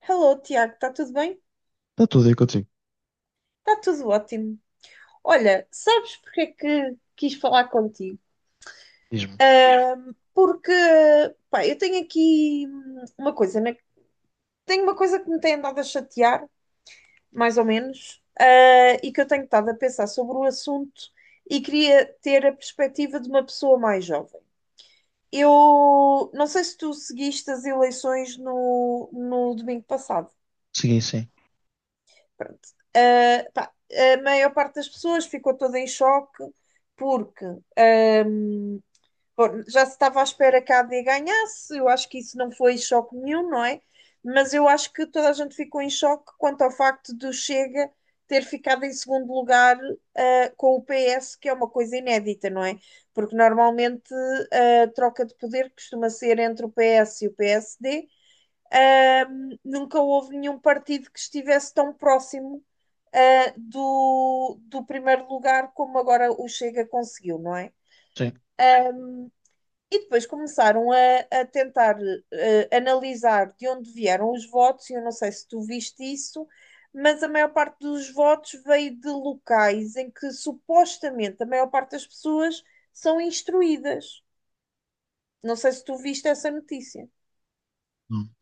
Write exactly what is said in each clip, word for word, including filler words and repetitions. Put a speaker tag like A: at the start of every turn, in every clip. A: Hello, Tiago, está tudo bem?
B: Está tudo aí contigo.
A: Está tudo ótimo. Olha, sabes porque é que quis falar contigo?
B: Diz-me.
A: Ah, porque, pá, eu tenho aqui hum, uma coisa, né? Tenho uma coisa que me tem andado a chatear, mais ou menos, ah, e que eu tenho estado a pensar sobre o assunto e queria ter a perspectiva de uma pessoa mais jovem. Eu não sei se tu seguiste as eleições no, no domingo passado.
B: Segui, sim.
A: Pronto. Ah, pá, a maior parte das pessoas ficou toda em choque porque ahm, bom, já se estava à espera que a AD ganhasse, eu acho que isso não foi choque nenhum, não é? Mas eu acho que toda a gente ficou em choque quanto ao facto do Chega ter ficado em segundo lugar ah, com o P S, que é uma coisa inédita, não é? Porque normalmente a troca de poder costuma ser entre o P S e o P S D. Ahm, nunca houve nenhum partido que estivesse tão próximo ah, do, do primeiro lugar, como agora o Chega conseguiu, não é?
B: Sim.
A: E depois começaram a, a tentar ah, analisar de onde vieram os votos, e eu não sei se tu viste isso, mas a maior parte dos votos veio de locais em que supostamente a maior parte das pessoas são instruídas. Não sei se tu viste essa notícia.
B: Hum.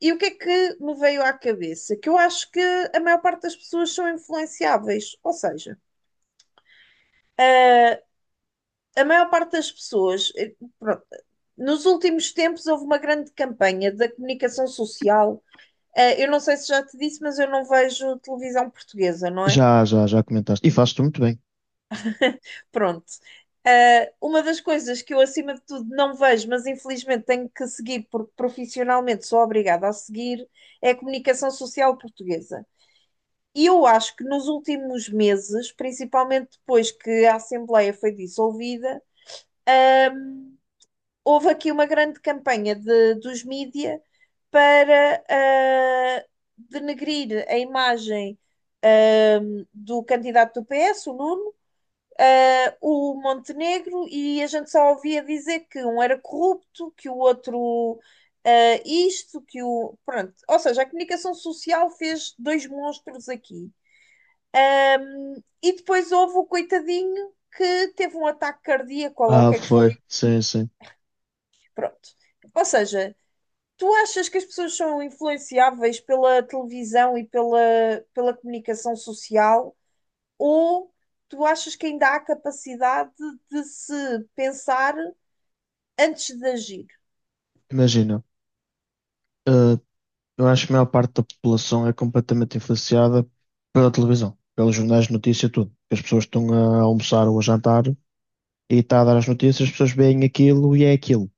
A: E o que é que me veio à cabeça? Que eu acho que a maior parte das pessoas são influenciáveis, ou seja, a maior parte das pessoas, eh, pronto, nos últimos tempos houve uma grande campanha da comunicação social. Ah, eu não sei se já te disse, mas eu não vejo televisão portuguesa, não é?
B: Já, já, já comentaste. E fazes tu muito bem.
A: Pronto. Ah, uma das coisas que eu, acima de tudo, não vejo, mas infelizmente tenho que seguir, porque profissionalmente sou obrigada a seguir, é a comunicação social portuguesa. E eu acho que nos últimos meses, principalmente depois que a Assembleia foi dissolvida, houve aqui uma grande campanha de- dos mídia para ah, denegrir a imagem ah, do candidato do P S, o Nuno, ah, o Montenegro, e a gente só ouvia dizer que um era corrupto, que o outro ah, isto, que o. Pronto. Ou seja, a comunicação social fez dois monstros aqui. Ah, e depois houve o coitadinho que teve um ataque cardíaco, ou lá o
B: Ah,
A: que é que foi.
B: foi. Sim, sim.
A: Pronto. Ou seja, tu achas que as pessoas são influenciáveis pela televisão e pela, pela comunicação social? Ou tu achas que ainda há capacidade de se pensar antes de agir?
B: Imagina. ah, eu acho que a maior parte da população é completamente influenciada pela televisão, pelos jornais de notícia, tudo. As pessoas estão a almoçar ou a jantar e está a dar as notícias, as pessoas veem aquilo e é aquilo.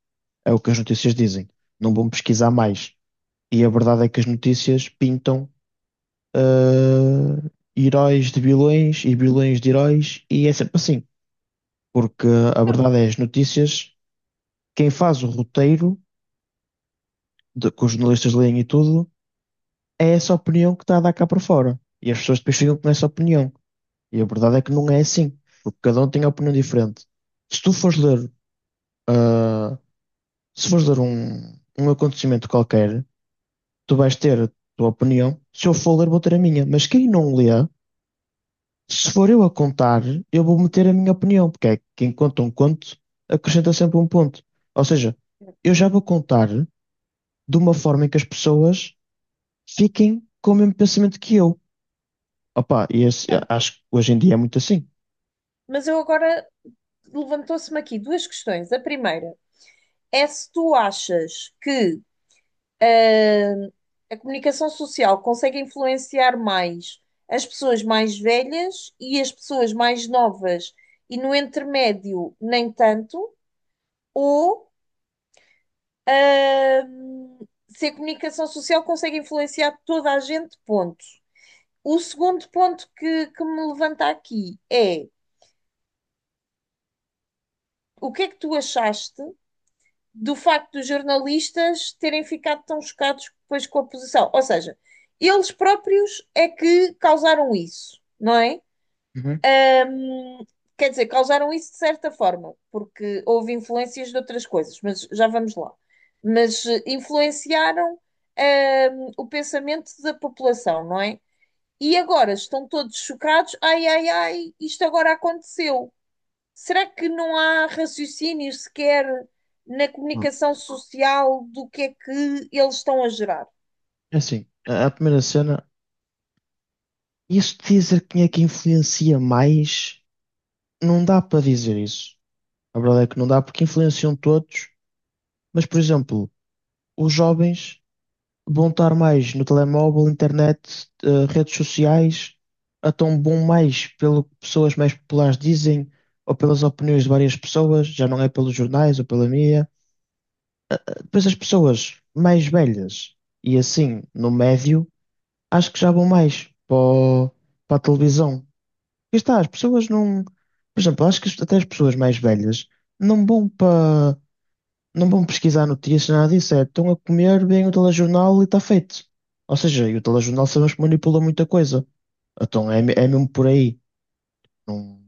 B: É o que as notícias dizem. Não vão pesquisar mais. E a verdade é que as notícias pintam ah, heróis de vilões e vilões de heróis e é sempre assim. Porque a verdade é, as notícias, quem faz o roteiro, de, que os jornalistas leem e tudo, é essa opinião que está a dar cá para fora. E as pessoas depois ficam com essa opinião. E a verdade é que não é assim, porque cada um tem a opinião diferente. Se tu fores ler, se fores ler um, um acontecimento qualquer, tu vais ter a tua opinião. Se eu for ler, vou ter a minha. Mas quem não lê, se for eu a contar, eu vou meter a minha opinião, porque é que quem conta um conto acrescenta sempre um ponto. Ou seja, eu já vou contar de uma forma em que as pessoas fiquem com o mesmo pensamento que eu. Opa, e esse- acho que hoje em dia é muito assim.
A: Mas eu agora levantou-se-me aqui duas questões. A primeira é se tu achas que ah, a comunicação social consegue influenciar mais as pessoas mais velhas e as pessoas mais novas, e no intermédio, nem tanto. Ou hum, se a comunicação social consegue influenciar toda a gente, ponto. O segundo ponto que, que me levanta aqui é o que é que tu achaste do facto dos jornalistas terem ficado tão chocados depois com a posição? Ou seja, eles próprios é que causaram isso, não é?
B: Uhum.
A: Hum, Quer dizer, causaram isso de certa forma, porque houve influências de outras coisas, mas já vamos lá. Mas eh, influenciaram, hum, o pensamento da população, não é? E agora estão todos chocados. Ai, ai, ai, isto agora aconteceu. Será que não há raciocínio sequer na
B: Bom,
A: comunicação social do que é que eles estão a gerar?
B: é assim, a a primeira cena, isso de dizer quem é que influencia mais, não dá para dizer isso. A verdade é que não dá porque influenciam todos, mas, por exemplo, os jovens vão estar mais no telemóvel, internet, eh, redes sociais, então vão mais pelo que pessoas mais populares dizem ou pelas opiniões de várias pessoas, já não é pelos jornais ou pela mídia. Depois as pessoas mais velhas e assim no médio, acho que já vão mais para, o- para a televisão. E está, as pessoas não. Por exemplo, acho que as- até as pessoas mais velhas não vão para. Não vão pesquisar notícias, nada disso. É, estão a comer, bem o telejornal e está feito. Ou seja, e o telejornal sabemos que manipula muita coisa. Então é, me- é mesmo por aí. Não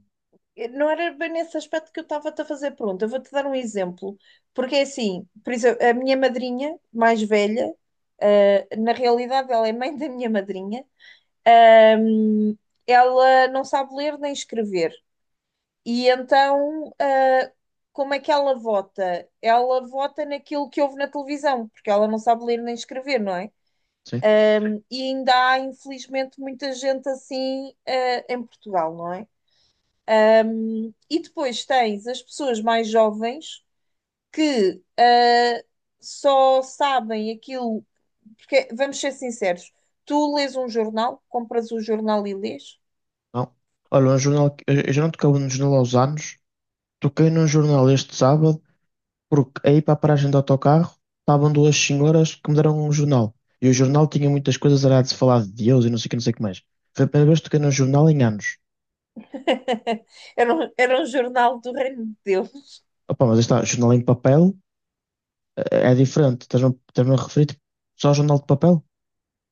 A: Eh, Não era bem nesse aspecto que eu estava-te a fazer a pergunta. Eu vou-te dar um exemplo, porque é assim, por exemplo, a minha madrinha mais velha, eh, na realidade ela é mãe da minha madrinha, ahm, ela não sabe ler nem escrever. E então, ah, como é que ela vota? Ela vota naquilo que ouve na televisão, porque ela não sabe ler nem escrever, não é?
B: sei.
A: E ainda há, infelizmente, muita gente assim, ah, em Portugal, não é? E depois tens as pessoas mais jovens que ah, só sabem aquilo, porque vamos ser sinceros, tu lês um jornal, compras o jornal e lês.
B: Não. Olha, um jornal. que- Eu eu já não tocava no jornal aos anos. Toquei num jornal este sábado porque aí para a paragem do autocarro estavam duas senhoras que me deram um jornal. E o jornal tinha muitas coisas, era de se falar de Deus e não sei o que, não sei o que mais. Foi a primeira vez que toquei num jornal em anos.
A: Era um, era um jornal do Reino de Deus.
B: Opa, mas aí está, jornal em papel eh, é diferente. Estás-me a estás-me a referir tipo, só ao jornal de papel?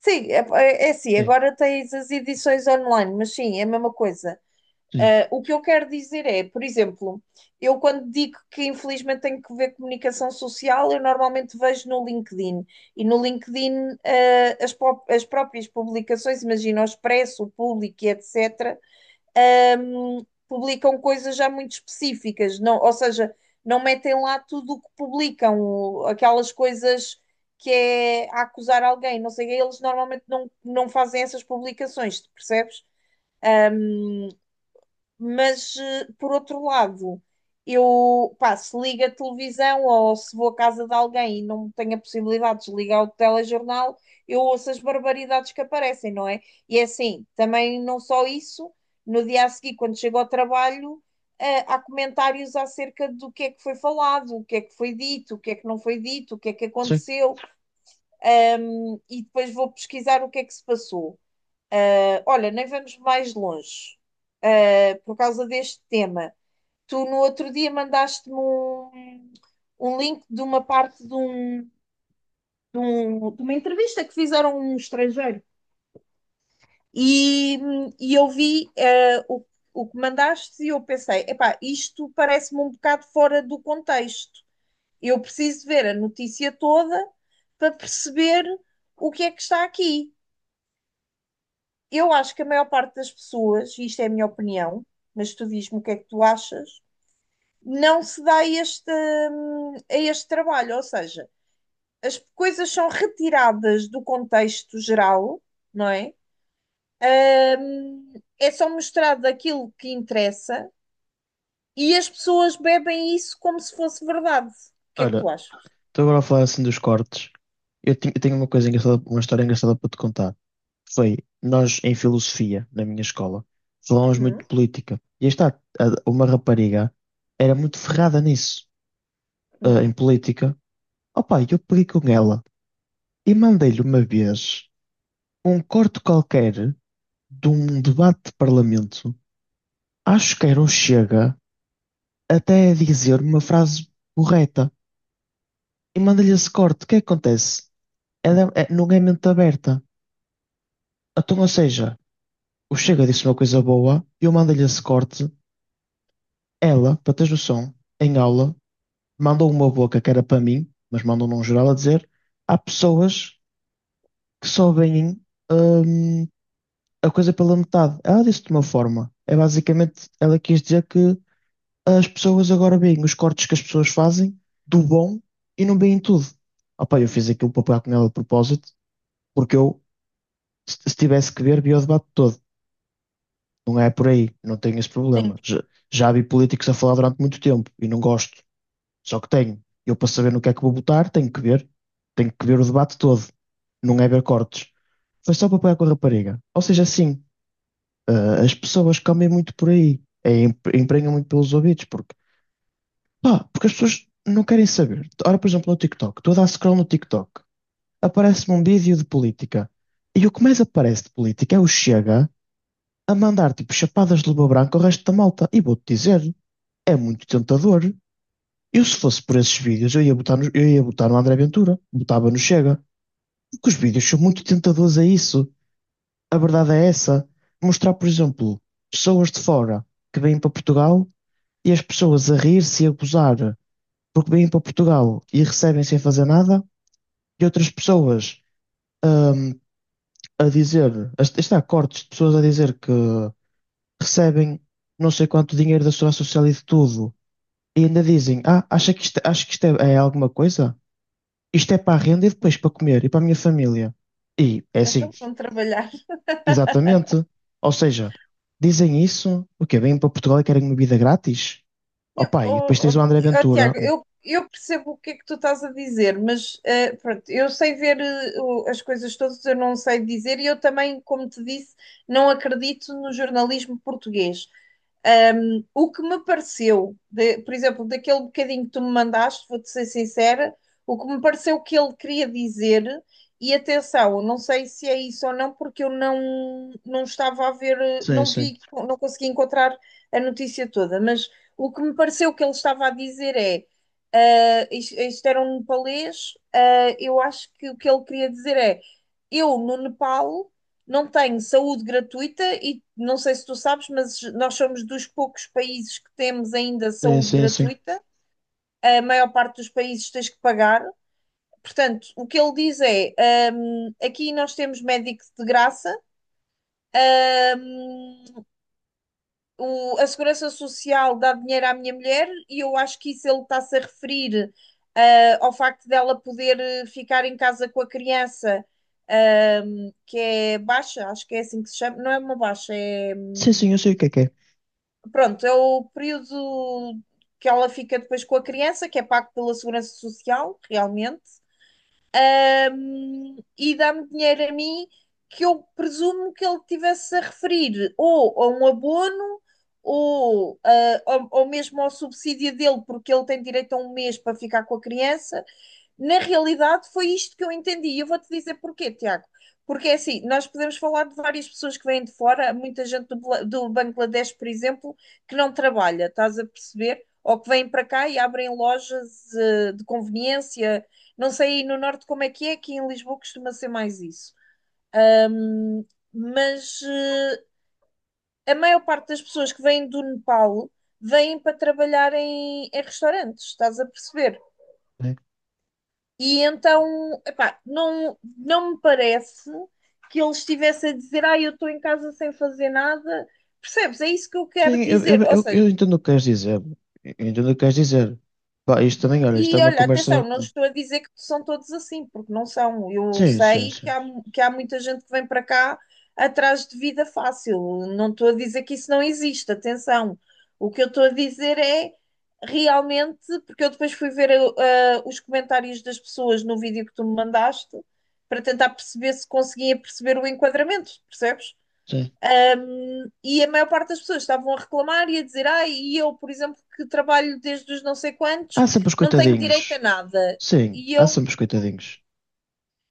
A: Sim, é, é é assim,
B: Sim,
A: agora tens as edições online, mas sim, é a mesma coisa.
B: sim,
A: Ah, o que eu quero dizer é, por exemplo, eu quando digo que infelizmente tenho que ver comunicação social, eu normalmente vejo no LinkedIn. E no LinkedIn, ah, as, pró- as próprias publicações, imagina o Expresso, o Público, e et cetera, hum, publicam coisas já muito específicas, não, ou seja, não metem lá tudo o que publicam, aquelas coisas que é a acusar alguém, não sei, eles normalmente não, não fazem essas publicações, percebes? Mas, eh, por outro lado, eu, pá, se ligo a televisão ou se vou à casa de alguém e não tenho a possibilidade de desligar o telejornal, eu ouço as barbaridades que aparecem, não é? E é assim, também não só isso, no dia a seguir, quando chego ao trabalho, eh, há comentários acerca do que é que foi falado, o que é que foi dito, o que é que não foi dito, o que é que
B: sim.
A: aconteceu, e depois vou pesquisar o que é que se passou. Eh, olha, nem vamos mais longe, eh, por causa deste tema. Tu no outro dia mandaste-me um, um link de uma parte de, um- de um- de uma entrevista que fizeram a um estrangeiro e, e eu vi eh, o, o que mandaste e eu pensei, epá, isto parece-me um bocado fora do contexto. Eu preciso ver a notícia toda para perceber o que é que está aqui. Eu acho que a maior parte das pessoas, e isto é a minha opinião, mas tu diz-me o que é que tu achas, não se dá este, hum, a este trabalho, ou seja, as coisas são retiradas do contexto geral, não é? Um, É só mostrado aquilo que interessa e as pessoas bebem isso como se fosse verdade. O que é que
B: Olha,
A: tu achas?
B: estou agora a falar assim dos cortes. Eu tenho, eu tenho uma coisa engraçada, uma história engraçada para te contar. Foi, nós em filosofia, na minha escola, falámos muito
A: Hum?
B: de política. E aí está, a- uma rapariga era muito ferrada nisso. Eh,
A: Hum.
B: em política. Opa, eu peguei com ela e mandei-lhe uma vez um corte qualquer de um debate de parlamento. Acho que era o Chega, até a dizer uma frase correta. E mandei-lhe esse corte. O que é que acontece? Ela é- é, não é mente aberta. Então, ou seja, o Chega disse uma coisa boa, eu mandei-lhe esse corte. Ela, para teres noção, em aula, mandou uma boca que era para mim, mas mandou num geral a dizer: há pessoas que só veem. hum, a coisa pela metade. Ela disse de uma forma. É basicamente, ela quis dizer que as pessoas agora veem os cortes que as pessoas fazem do bom e não veem tudo. Opa, eu fiz aquilo para pegar com ela de propósito, porque eu, se se tivesse que ver, via o debate todo. Não é por aí, não tenho esse problema. Já, já vi políticos a falar durante muito tempo e não gosto. Só que tenho. Eu, para saber no que é que vou votar, tenho que ver. Tenho que ver o debate todo. Não é ver cortes. Foi só para pegar com a rapariga. Ou seja, sim, Ah, as pessoas comem muito por aí, é, em- emprenham muito pelos ouvidos, porque, pá, porque as pessoas não querem saber. Ora, por exemplo, no TikTok, tu a dar scroll no TikTok, aparece-me um vídeo de política, e o que mais aparece de política é o Chega a mandar tipo chapadas de luva branca ao resto da malta, e vou-te dizer, é muito tentador. Eu, se fosse por esses vídeos, eu ia botar no, eu ia botar no André Ventura, botava no Chega, porque os vídeos são muito tentadores a isso. A verdade é essa. Mostrar, por exemplo, pessoas de fora que vêm para Portugal e as pessoas a rir-se e a gozar porque vêm para Portugal e recebem sem fazer nada, e outras pessoas hum, a dizer, a- está, cortes de pessoas a dizer que recebem não sei quanto dinheiro da Segurança Social e de tudo, e ainda dizem, ah, acha que isto, acho que isto é, é alguma coisa? Isto é para a renda e depois para comer e para a minha família. E é assim,
A: Então vão trabalhar.
B: exatamente. Ou seja, dizem isso, o quê? Vêm para Portugal e querem uma vida grátis?
A: Não,
B: Opa, e
A: oh,
B: depois tens o André
A: oh, oh,
B: Ventura.
A: Tiago,
B: Hum,
A: eu, eu percebo o que é que tu estás a dizer, mas eh, pronto, eu sei ver eh, as coisas todas, eu não sei dizer, e eu também, como te disse, não acredito no jornalismo português. Um, o que me pareceu, de- por exemplo, daquele bocadinho que tu me mandaste, vou-te ser sincera, o que me pareceu que ele queria dizer, e atenção, não sei se é isso ou não, porque eu não, não estava a ver, eh,
B: Sim,
A: não
B: sim.
A: vi, não consegui encontrar a notícia toda, mas o que me pareceu que ele estava a dizer é. Ah, isto, isto era um nepalês, ah, eu acho que o que ele queria dizer é: eu no Nepal não tem saúde gratuita e não sei se tu sabes, mas nós somos dos poucos países que temos ainda
B: Sim,
A: saúde
B: sim, sim.
A: gratuita. A maior parte dos países tens que pagar. Portanto, o que ele diz é: hum, aqui nós temos médicos de graça, hum, o- a Segurança Social dá dinheiro à minha mulher, e eu acho que isso ele está-se a referir ah, ao facto dela poder eh, ficar em casa com a criança, hum, que é baixa, acho que é assim que se chama, não é uma baixa, é.
B: Sim,
A: Hum,
B: sim, eu sei o que é que é.
A: pronto, é o período que ela fica depois com a criança, que é pago pela Segurança Social, realmente. Ahm, e dá-me dinheiro a mim que eu presumo que ele tivesse a referir ou a um abono ou, ah, ou, ou mesmo ao subsídio dele, porque ele tem direito a um mês para ficar com a criança, na realidade foi isto que eu entendi. E eu vou-te dizer porquê, Tiago. Porque é assim, nós podemos falar de várias pessoas que vêm de fora, muita gente do, Bla- do Bangladesh, por exemplo, que não trabalha, estás a perceber? Ou que vêm para cá e abrem lojas, eh, de conveniência. Não sei aí no norte como é que é, aqui em Lisboa costuma ser mais isso, mas eh, a maior parte das pessoas que vêm do Nepal vêm para trabalhar em, em restaurantes, estás a perceber?
B: Né?
A: E então, epá, não, não me parece que ele estivesse a dizer, ah, eu estou em casa sem fazer nada. Percebes? É isso que eu quero
B: Sim, eu, eu,
A: dizer. Ou
B: eu,
A: seja,
B: eu entendo o que queres dizer. Eu entendo o que queres dizer. Pá, isto também, olha, isto é
A: e
B: uma
A: olha, atenção,
B: conversa.
A: não estou a dizer que são todos assim, porque não são. Eu
B: Sim, sim,
A: sei que
B: sim.
A: há, que há muita gente que vem para cá atrás de vida fácil. Não estou a dizer que isso não existe, atenção. O que eu estou a dizer é realmente, porque eu depois fui ver eh, os comentários das pessoas no vídeo que tu me mandaste para tentar perceber se conseguia perceber o enquadramento, percebes?
B: Sim.
A: E a maior parte das pessoas estavam a reclamar e a dizer: Ah, e eu, por exemplo, que trabalho desde os não sei quantos,
B: Há sempre os
A: não tenho direito a
B: coitadinhos.
A: nada.
B: Sim,
A: E
B: há
A: eu,
B: sempre os coitadinhos.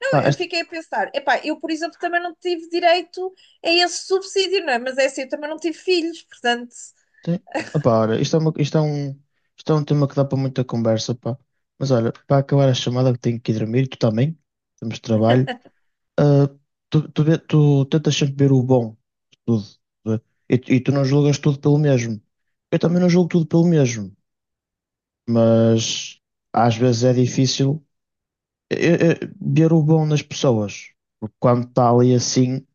A: não,
B: Pá,
A: eu
B: esta...
A: fiquei a pensar: Epá, eu, por exemplo, também não tive direito a esse subsídio, não é? Mas é assim, eu também não tive filhos, portanto.
B: tem- Opá, olha, isto é uma- isto é um... isto é um tema que dá para muita conversa, pá. Mas olha, para acabar a chamada que tenho que ir dormir, tu também. Temos trabalho. Ah, tu, tu, vê- tu tentas sempre ver o bom de tudo, né? E, tu- e tu não julgas tudo pelo mesmo. Eu também não julgo tudo pelo mesmo, mas às vezes é difícil eh, eh, eh, ver o bom nas pessoas, porque quando está ali assim,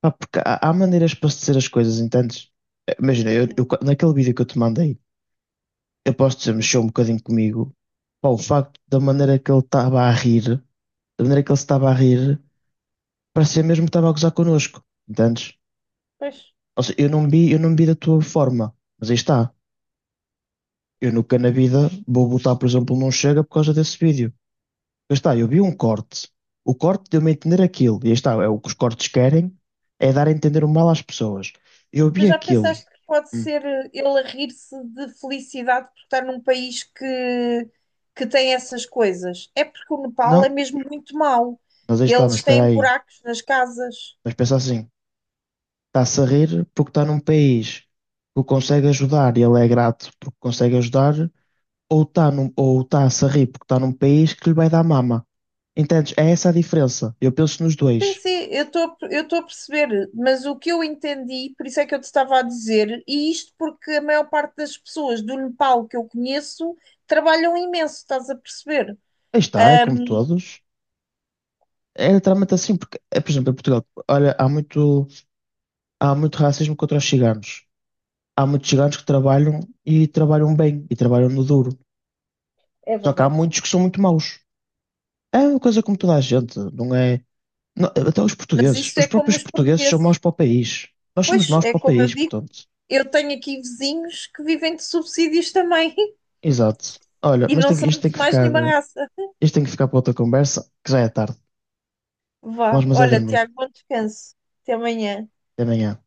B: pá, porque há, há maneiras para se dizer as coisas, entendes? Eh, Imagina, eu,
A: Sim.
B: eu- qua- naquele vídeo que eu te mandei, eu posso dizer, mexeu um bocadinho comigo, pá, o facto da maneira que ele estava a rir, da maneira que ele se estava a rir, parecia mesmo que estava a gozar connosco, entendes?
A: Pois.
B: Ou seja, eu não vi, eu não vi da tua forma, mas aí está. Eu nunca na vida vou botar, por exemplo, não chega por causa desse vídeo. Aí está, eu vi um corte. O corte deu-me a entender aquilo. E aí está, é o que os cortes querem, é dar a entender o mal às pessoas. Eu vi
A: Mas já
B: aquilo.
A: pensaste que pode
B: Hum,
A: ser eh, ele a rir-se de felicidade por estar num país que, que tem essas coisas? É porque o Nepal é
B: Não,
A: mesmo muito mau.
B: mas aí está, mas
A: Eles
B: espera
A: têm
B: aí.
A: buracos nas casas.
B: Mas pensa assim, está-se a rir porque está num país que o consegue ajudar e ele é grato porque consegue ajudar ou está ou tá-se a se rir porque está num país que lhe vai dar mama. Entendes? É essa a diferença. Eu penso nos
A: Sim,
B: dois.
A: sim, eu estou eu estou a perceber, mas o que eu entendi, por isso é que eu te estava a dizer, e isto porque a maior parte das pessoas do Nepal que eu conheço trabalham imenso, estás a perceber?
B: Aí está, é como todos. É literalmente assim, porque, é, por exemplo, em Portugal, olha, há muito, há muito racismo contra os ciganos. Há muitos ciganos que trabalham e trabalham bem e trabalham no duro.
A: É
B: Só que há
A: verdade.
B: muitos que são muito maus. É uma coisa como toda a gente, não é? Não- até os
A: Mas
B: portugueses,
A: isso
B: os
A: é como
B: próprios
A: os
B: portugueses são maus
A: portugueses.
B: para o país. Nós somos
A: Pois,
B: maus
A: é
B: para o
A: como eu
B: país,
A: digo,
B: portanto.
A: eu tenho aqui vizinhos que vivem de subsídios também
B: Exato. Olha,
A: e
B: mas
A: não
B: tem que-
A: são
B: isto tem
A: de
B: que
A: mais
B: ficar.
A: nenhuma raça.
B: Isto tem que ficar para outra conversa, que já é tarde. Vamos,
A: Vá,
B: mas é
A: olha,
B: dormir.
A: Tiago, bom descanso. Até amanhã.
B: Até amanhã.